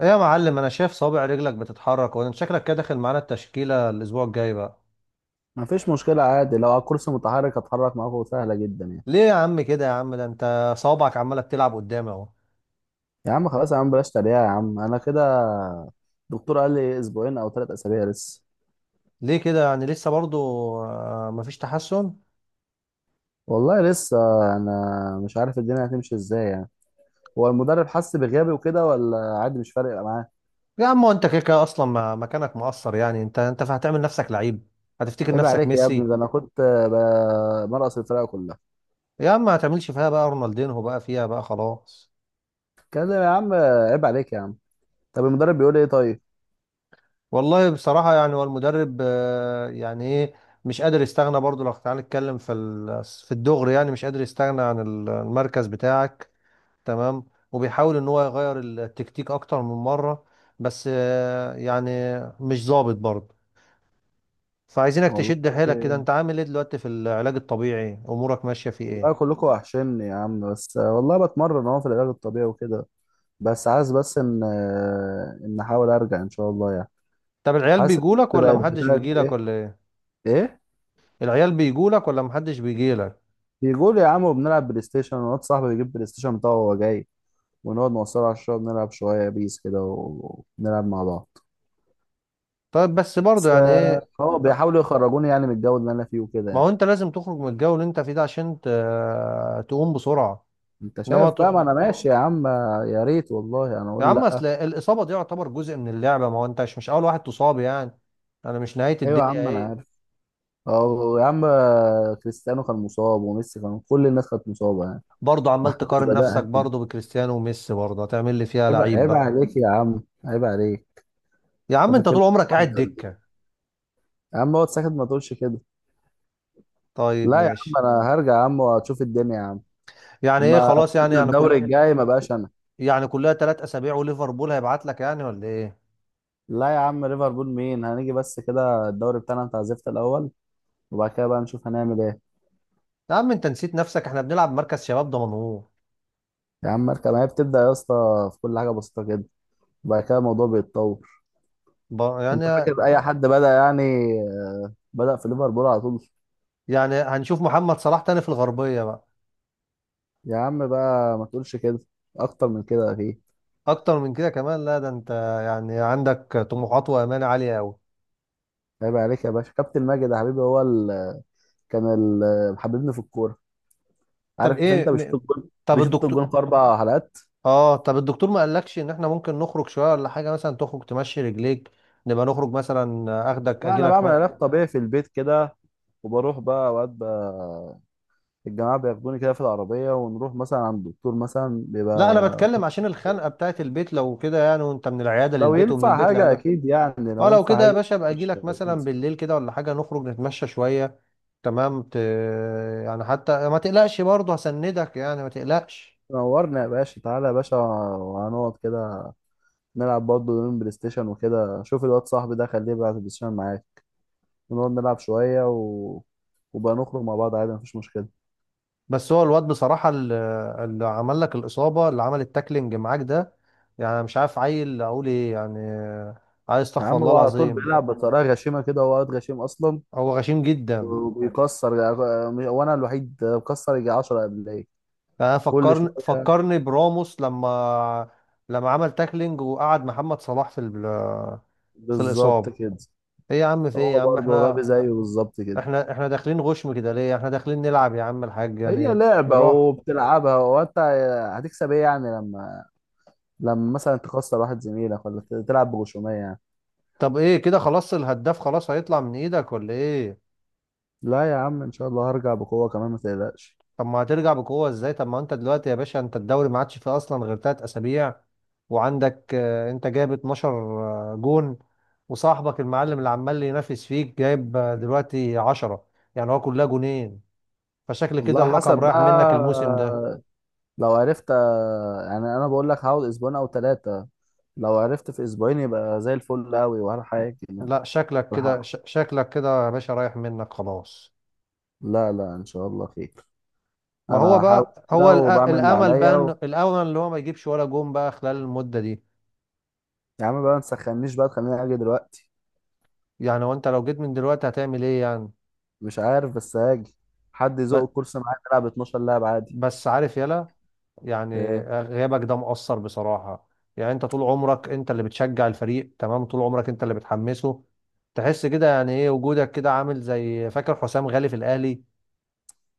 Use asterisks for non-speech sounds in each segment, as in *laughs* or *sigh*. ايه يا معلم، انا شايف صابع رجلك بتتحرك، وانت شكلك كده داخل معانا التشكيلة الاسبوع الجاي بقى. ما فيش مشكلة، عادي، لو على الكرسي متحرك هتحرك معاكم، سهلة جدا يعني. ليه يا عم كده يا عم؟ ده انت صوابعك عمالة بتلعب قدامي اهو. يا عم خلاص، يا عم بلاش تريقة، يا عم أنا كده. الدكتور قال لي أسبوعين أو 3 أسابيع لسه. ليه كده يعني لسه برضو؟ مفيش تحسن؟ والله لسه. أنا مش عارف الدنيا هتمشي إزاي يعني. هو المدرب حس بغيابي وكده، ولا عادي مش فارق معاه؟ يا عم هو انت كده كده اصلا مكانك مقصر. يعني انت هتعمل نفسك لعيب، هتفتكر عيب نفسك عليك يا ابني، ميسي. ده أنا كنت مرقص الفرقة كلها. يا عم ما هتعملش فيها بقى رونالدينهو بقى، فيها بقى خلاص. كده يا عم، عيب عليك يا عم. طب المدرب بيقول إيه طيب؟ والله بصراحة يعني هو المدرب يعني ايه، مش قادر يستغنى برضو. لو تعالى نتكلم في الدغري، يعني مش قادر يستغنى عن المركز بتاعك. تمام. وبيحاول ان هو يغير التكتيك اكتر من مره، بس يعني مش ظابط برضه. فعايزينك والله. تشد حيلك كده. انت عامل ايه دلوقتي في العلاج الطبيعي؟ امورك ماشيه في ايه؟ والله كلكم وحشني يا عم، بس والله بتمرن أهو في العلاج الطبيعي وكده. بس عايز بس ان احاول ارجع ان شاء الله يعني. طب العيال حاسس بيجولك ان ولا بقت بيجو، محدش بتاعت بيجيلك ايه؟ ولا ايه؟ ايه؟ العيال بيجولك ولا محدش بيجيلك؟ بيقول يا عم وبنلعب بلاي ستيشن، ونواد صاحبي بيجيب بلاي ستيشن بتاعه وهو جاي، ونقعد نوصله على الشغل، نلعب شويه بيس كده ونلعب مع بعض. طيب بس برضه بس يعني آه، ايه؟ هو آه، بيحاولوا يخرجوني يعني من الجو اللي انا فيه وكده ما يعني. هو انت لازم تخرج من الجو اللي انت فيه ده، عشان تقوم بسرعه. انت انما شايف ت... بقى، ما انا ماشي يا عم. يا ريت، والله انا يا اقول عم لا. اصل الاصابه دي يعتبر جزء من اللعبه. ما هو انت مش اول واحد تصاب يعني، انا مش نهايه ايوه يا الدنيا عم انا ايه. عارف. اه يا عم، كريستيانو كان مصاب، وميسي كان، كل الناس كانت مصابه يعني. برضه ما عمال حدش تقارن نفسك بدأها. برضه بكريستيانو وميسي؟ برضه هتعمل لي فيها عيب، لعيب عيب بقى؟ عليك يا عم، عيب عليك. يا عم انت انت فاكر طول عمرك قاعد حد ولا دكة. إيه؟ يا عم اقعد ساكت ما تقولش كده. طيب لا يا عم، ماشي. انا هرجع يا عم واشوف الدنيا يا عم. يعني ايه لما خلاص؟ يعني كسبنا يعني الدوري كل، *laughs* الجاي ما بقاش انا. يعني كلها ثلاث اسابيع وليفربول هيبعت لك يعني ولا ايه؟ لا يا عم، ليفربول مين؟ هنيجي بس كده الدوري بتاعنا، انت عزفت الاول، وبعد كده بقى نشوف هنعمل ايه. يا عم انت نسيت نفسك، احنا بنلعب مركز شباب ضمنهور. يا عم اركب، ما هي بتبدا يا اسطى في كل حاجه بسيطه كده، وبعد كده الموضوع بيتطور. انت يعني، فاكر اي حد بدا يعني؟ بدا في ليفربول على طول؟ يعني هنشوف محمد صلاح تاني في الغربية بقى؟ يا عم بقى ما تقولش كده، اكتر من كده اكيد. اكتر من كده كمان؟ لا ده انت يعني عندك طموحات وامال عالية قوي. عيب عليك يا باشا، كابتن ماجد يا حبيبي هو كان حبيبني في الكوره. طب عارف انت، ايه بيشوط م... الجون، طب بيشوط الدكتور، الجون في 4 حلقات. اه طب الدكتور ما قالكش ان احنا ممكن نخرج شويه ولا حاجه؟ مثلا تخرج تمشي رجليك، نبقى نخرج مثلا اخدك لا انا اجيلك بعمل ما... علاج طبيعي في البيت كده، وبروح بقى اوقات بقى، الجماعه بياخدوني كده في العربيه، ونروح مثلا عند الدكتور مثلا لا انا بيبقى، بتكلم عشان الخنقه بتاعت البيت، لو كده يعني، وانت من العياده لو للبيت ومن ينفع البيت حاجه للعياده. اكيد يعني، لو اه لو ينفع كده يا حاجه. باشا ابقى ماشي اجيلك أكيد. مثلا بالليل كده ولا حاجه، نخرج نتمشى شويه. تمام ت... يعني حتى ما تقلقش برضه، هسندك يعني، ما تقلقش. نورنا يا باشا، تعالى يا باشا وهنقعد كده، نلعب برضه يومين بلاي ستيشن وكده، شوف الواد صاحبي ده خليه يبقى على البلاي ستيشن معاك، ونقعد نلعب شويه، و... وبقى نخرج مع بعض عادي مفيش مشكله. بس هو الواد بصراحه، اللي عمل لك الاصابه، اللي عمل التاكلينج معاك ده، يعني مش عارف عيل اقول ايه يعني. عايز يا استغفر عم الله هو على طول العظيم. بيلعب بطريقه غشيمه كده، هو واد غشيم اصلا. هو غشيم جدا. وبيكسر. وانا الوحيد بكسر، يجي 10 قبليه يعني انا كل فكرني شويه. فكرني براموس لما عمل تاكلينج وقعد محمد صلاح في بالظبط الاصابه. كده. ايه يا عم؟ في ايه هو يا عم؟ برضه غبي احنا زيه بالظبط كده. احنا احنا داخلين غشم كده ليه؟ احنا داخلين نلعب يا عم الحاج هي يعني لعبة، بالراحه. وبتلعبها وانت هتكسب ايه يعني، لما، لما مثلا تخسر واحد زميلك، ولا تلعب بغشومية يعني. طب ايه كده؟ خلاص الهداف خلاص هيطلع من ايدك ولا ايه؟ لا يا عم ان شاء الله هرجع بقوة كمان ما تقلقش. طب ما هترجع بقوة ازاي؟ طب ما انت دلوقتي يا باشا، انت الدوري ما عادش فيه اصلا غير تلات اسابيع، وعندك انت جايب 12 جون، وصاحبك المعلم اللي عمال ينافس فيك جايب دلوقتي 10، يعني هو كلها جونين، فشكل كده والله اللقب حسب رايح بقى، منك الموسم ده. لو عرفت، يعني انا بقول لك هقعد اسبوعين او 3، لو عرفت في اسبوعين يبقى زي الفل قوي ولا حاجة يعني. لا شكلك ولا كده، حاجة. شكلك كده يا باشا رايح منك خلاص. لا، لا، ان شاء الله خير. ما انا هو هحاول بقى كده هو وبعمل اللي الامل عليا. بقى، و... الامل اللي هو ما يجيبش ولا جون بقى خلال المدة دي. يا عم بقى ما تسخنيش بقى تخليني اجي دلوقتي. يعني هو انت لو جيت من دلوقتي هتعمل ايه يعني؟ مش عارف بس هاجي، حد يزق ب- الكرسي معايا نلعب 12 لعب عادي. بس عارف يلا، يعني ايه؟ غيابك ده مؤثر بصراحة. يعني انت طول عمرك انت اللي بتشجع الفريق، تمام، طول عمرك انت اللي بتحمسه. تحس كده يعني ايه وجودك، كده عامل زي، فاكر حسام غالي في الاهلي؟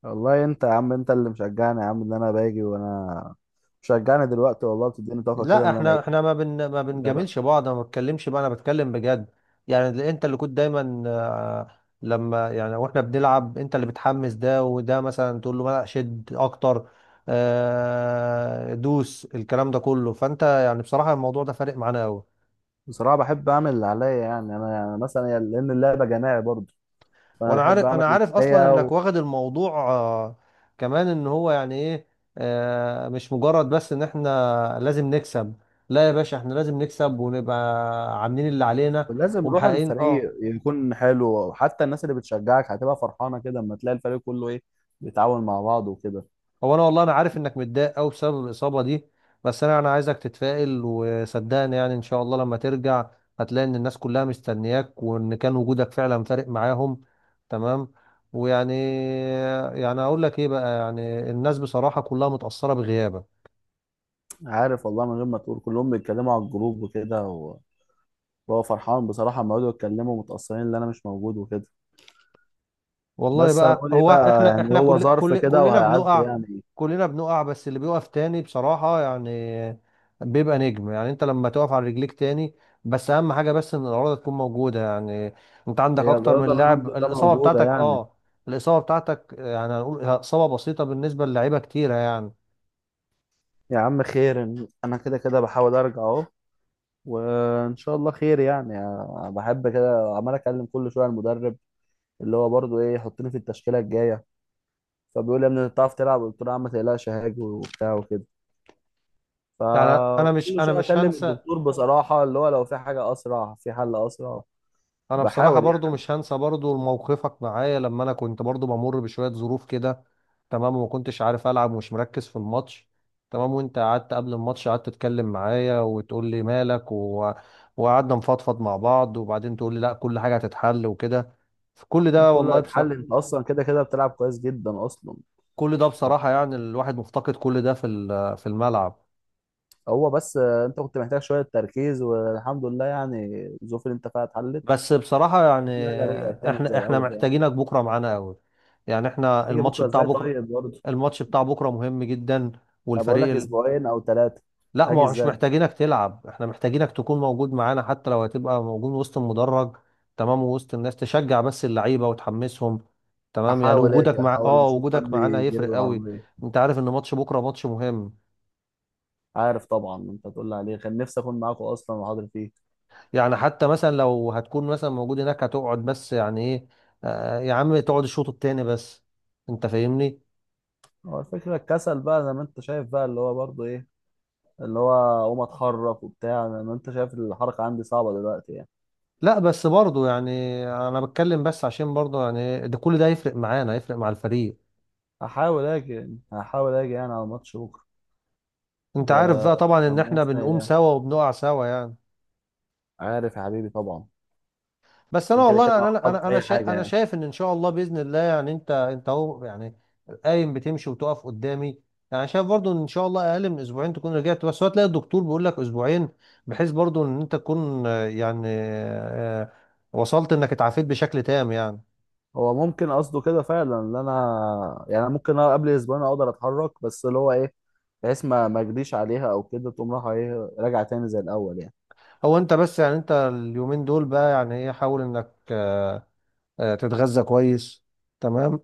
والله انت يا عم، انت اللي مشجعني يا عم ان انا باجي، وانا مشجعني دلوقتي، والله بتديني طاقه كده لا ان انا احنا، ايه. احنا ما بن ما جدع. بنجاملش بعض، انا ما بتكلمش بقى، انا بتكلم بجد. يعني اللي انت اللي كنت دايما لما يعني، واحنا بنلعب انت اللي بتحمس، ده وده مثلا تقول له لا شد اكتر، دوس، الكلام ده كله. فانت يعني بصراحة الموضوع ده فارق معانا قوي. بصراحه بحب اعمل اللي عليا يعني، انا يعني مثلا لان اللعبه جماعي برضه، فانا وانا بحب عارف، اعمل انا اللي عارف اصلا عليا. انك و... واخد الموضوع كمان، ان هو يعني ايه، مش مجرد بس ان احنا لازم نكسب. لا يا باشا، احنا لازم نكسب ونبقى عاملين اللي علينا ولازم روح ومحققين اه. الفريق يكون حلو، حتى الناس اللي بتشجعك هتبقى فرحانه كده، اما تلاقي الفريق كله ايه، بيتعاون مع بعض وكده. هو انا والله، انا عارف انك متضايق قوي بسبب الاصابة دي، بس انا عايزك تتفائل، وصدقني يعني ان شاء الله لما ترجع، هتلاقي ان الناس كلها مستنياك، وان كان وجودك فعلا فارق معاهم. تمام. ويعني، يعني اقول لك ايه بقى، يعني الناس بصراحة كلها متأثرة بغيابك. عارف، والله من غير ما تقول كلهم بيتكلموا على الجروب وكده، وهو فرحان بصراحة لما يقعدوا يتكلموا متأثرين إن أنا مش موجود وكده. والله بس بقى هنقول إيه هو بقى احنا، يعني؟ احنا هو كل ظرف كل كده كلنا وهيعدي بنقع. يعني. كلنا بنقع، بس اللي بيقف تاني بصراحة يعني بيبقى نجم. يعني انت لما تقف على رجليك تاني، بس اهم حاجة بس ان الإرادة تكون موجودة يعني. انت عندك هي اكتر الرياضة من لاعب الحمد لله الإصابة موجودة بتاعتك يعني. اه. الإصابة بتاعتك يعني هنقول إصابة بسيطة بالنسبة للاعيبة كتيرة يعني. يا عم خير، أنا كده كده بحاول أرجع أهو، وإن شاء الله خير يعني. أنا بحب كده عمال أكلم كل شوية المدرب، اللي هو برضه إيه، يحطني في التشكيلة الجاية، فبيقول لي يا ابني أنت بتعرف تلعب؟ قلت له يا عم ما تقلقش هاجي وبتاع وكده. يعني انا مش فكل انا شويه مش اكلم هنسى، الدكتور بصراحه، اللي هو لو في حاجه اسرع في حل اسرع. انا بصراحه بحاول. برضو مش هنسى برضو موقفك معايا لما انا كنت برضو بمر بشويه ظروف كده. تمام، وما كنتش عارف العب ومش مركز في الماتش. تمام، وانت قعدت قبل الماتش قعدت تتكلم معايا وتقول لي مالك وقعدنا نفضفض مع بعض، وبعدين تقول لي لا كل حاجه هتتحل وكده. في كل يعني ده كله والله هيتحل، انت اصلا كده كده بتلعب كويس جدا اصلا. كل ده بصراحه يعني الواحد مفتقد كل ده في الملعب. هو بس، انت كنت محتاج شويه تركيز، والحمد لله يعني الظروف اللي انت فيها اتحلت، بس بصراحة يعني كل حاجه رجعت تاني زي احنا الاول يعني. محتاجينك بكرة معانا قوي. يعني احنا هاجي الماتش بكره بتاع ازاي بكرة، طيب برضه؟ الماتش بتاع بكرة مهم جدا. انا بقول والفريق لك ال... اسبوعين او 3. لا ما هاجي هو مش ازاي؟ محتاجينك تلعب، احنا محتاجينك تكون موجود معانا، حتى لو هتبقى موجود وسط المدرج. تمام، ووسط الناس تشجع بس اللعيبة وتحمسهم. تمام، يعني احاول وجودك اجي، مع احاول اه اشوف وجودك حد معانا يجي لي هيفرق قوي. بالعربيه. انت عارف ان ماتش بكرة ماتش مهم. عارف طبعا، انت تقول لي عليه، كان نفسي اكون معاكم اصلا وحاضر فيه. يعني حتى مثلا لو هتكون مثلا موجود هناك هتقعد بس يعني ايه، يا عم تقعد الشوط التاني بس. انت فاهمني. هو الفكره الكسل بقى زي ما انت شايف بقى، اللي هو برضه ايه، اللي هو اقوم اتحرك وبتاع، انا، ما انت شايف الحركه عندي صعبه دلوقتي يعني. لا بس برضو يعني، انا بتكلم بس عشان برضو يعني إيه، ده كل ده يفرق معانا، يفرق مع الفريق. هحاول اجي يعني على الماتش بكره، انت و عارف بقى طبعا ان ربنا احنا يسهل بنقوم يعني. سوا وبنقع سوا يعني. عارف يا حبيبي طبعا. بس انا انا كده والله كده يعني، انا هقعد انا في انا اي شايف، حاجه انا يعني. شايف ان ان شاء الله باذن الله يعني انت، انت اهو يعني قايم، بتمشي وتقف قدامي. يعني شايف برضو ان ان شاء الله اقل من اسبوعين تكون رجعت، بس هو تلاقي الدكتور بيقول لك اسبوعين بحيث برضو ان انت تكون وصلت انك اتعافيت بشكل تام يعني. هو ممكن قصده كده فعلا ان انا يعني، ممكن أنا قبل اسبوعين اقدر اتحرك، بس اللي هو ايه، بحيث ما اجريش عليها او كده تقوم رايحه ايه، راجعه تاني زي الاول يعني. هو انت بس يعني، انت اليومين دول بقى يعني ايه، حاول انك تتغذى كويس. تمام،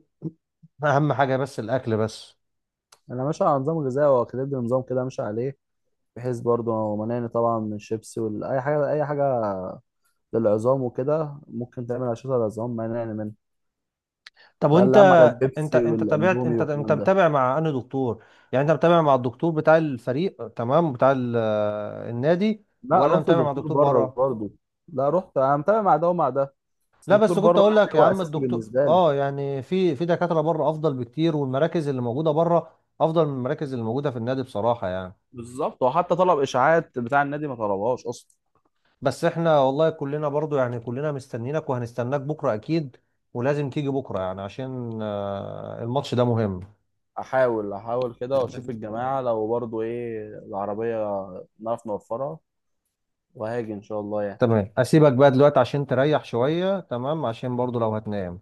اهم حاجه بس الاكل بس. انا ماشي على نظام غذائي، واخد نظام كده ماشي عليه، بحيث برضه مانعني طبعا من الشيبسي ولا اي حاجه، اي حاجه للعظام وكده، ممكن تعمل أشعة العظام ما نعمل منها. طب وقال وانت، لي أهم حاجة انت البيبسي انت تابعت، والأندومي انت والكلام ده. متابع مع انهي دكتور؟ يعني انت متابع مع الدكتور بتاع الفريق، تمام، بتاع النادي، لا ولا رحت متابع مع دكتور دكتور بره بره؟ برضه. لا، رحت، أنا متابع مع ده ومع ده، بس لا دكتور بس كنت بره اقول لك يعني يا هو عم أساسي الدكتور بالنسبة لي. اه، يعني في دكاترة بره افضل بكتير، والمراكز اللي موجودة بره افضل من المراكز اللي موجودة في النادي بصراحة يعني. بالظبط، وحتى طلب إشاعات بتاع النادي ما طلبهاش أصلا. بس احنا والله كلنا برضو يعني، كلنا مستنيينك وهنستناك بكرة اكيد. ولازم تيجي بكرة يعني عشان الماتش ده مهم. أحاول، أحاول كده وأشوف الجماعة لو برضه إيه العربية نعرف نوفرها، وهاجي إن شاء الله يعني. تمام، اسيبك بقى دلوقتي عشان تريح شوية، تمام، عشان برضو لو هتنام.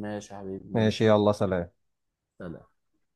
ماشي يا حبيبي، ماشي ماشي. يلا سلام. سلام.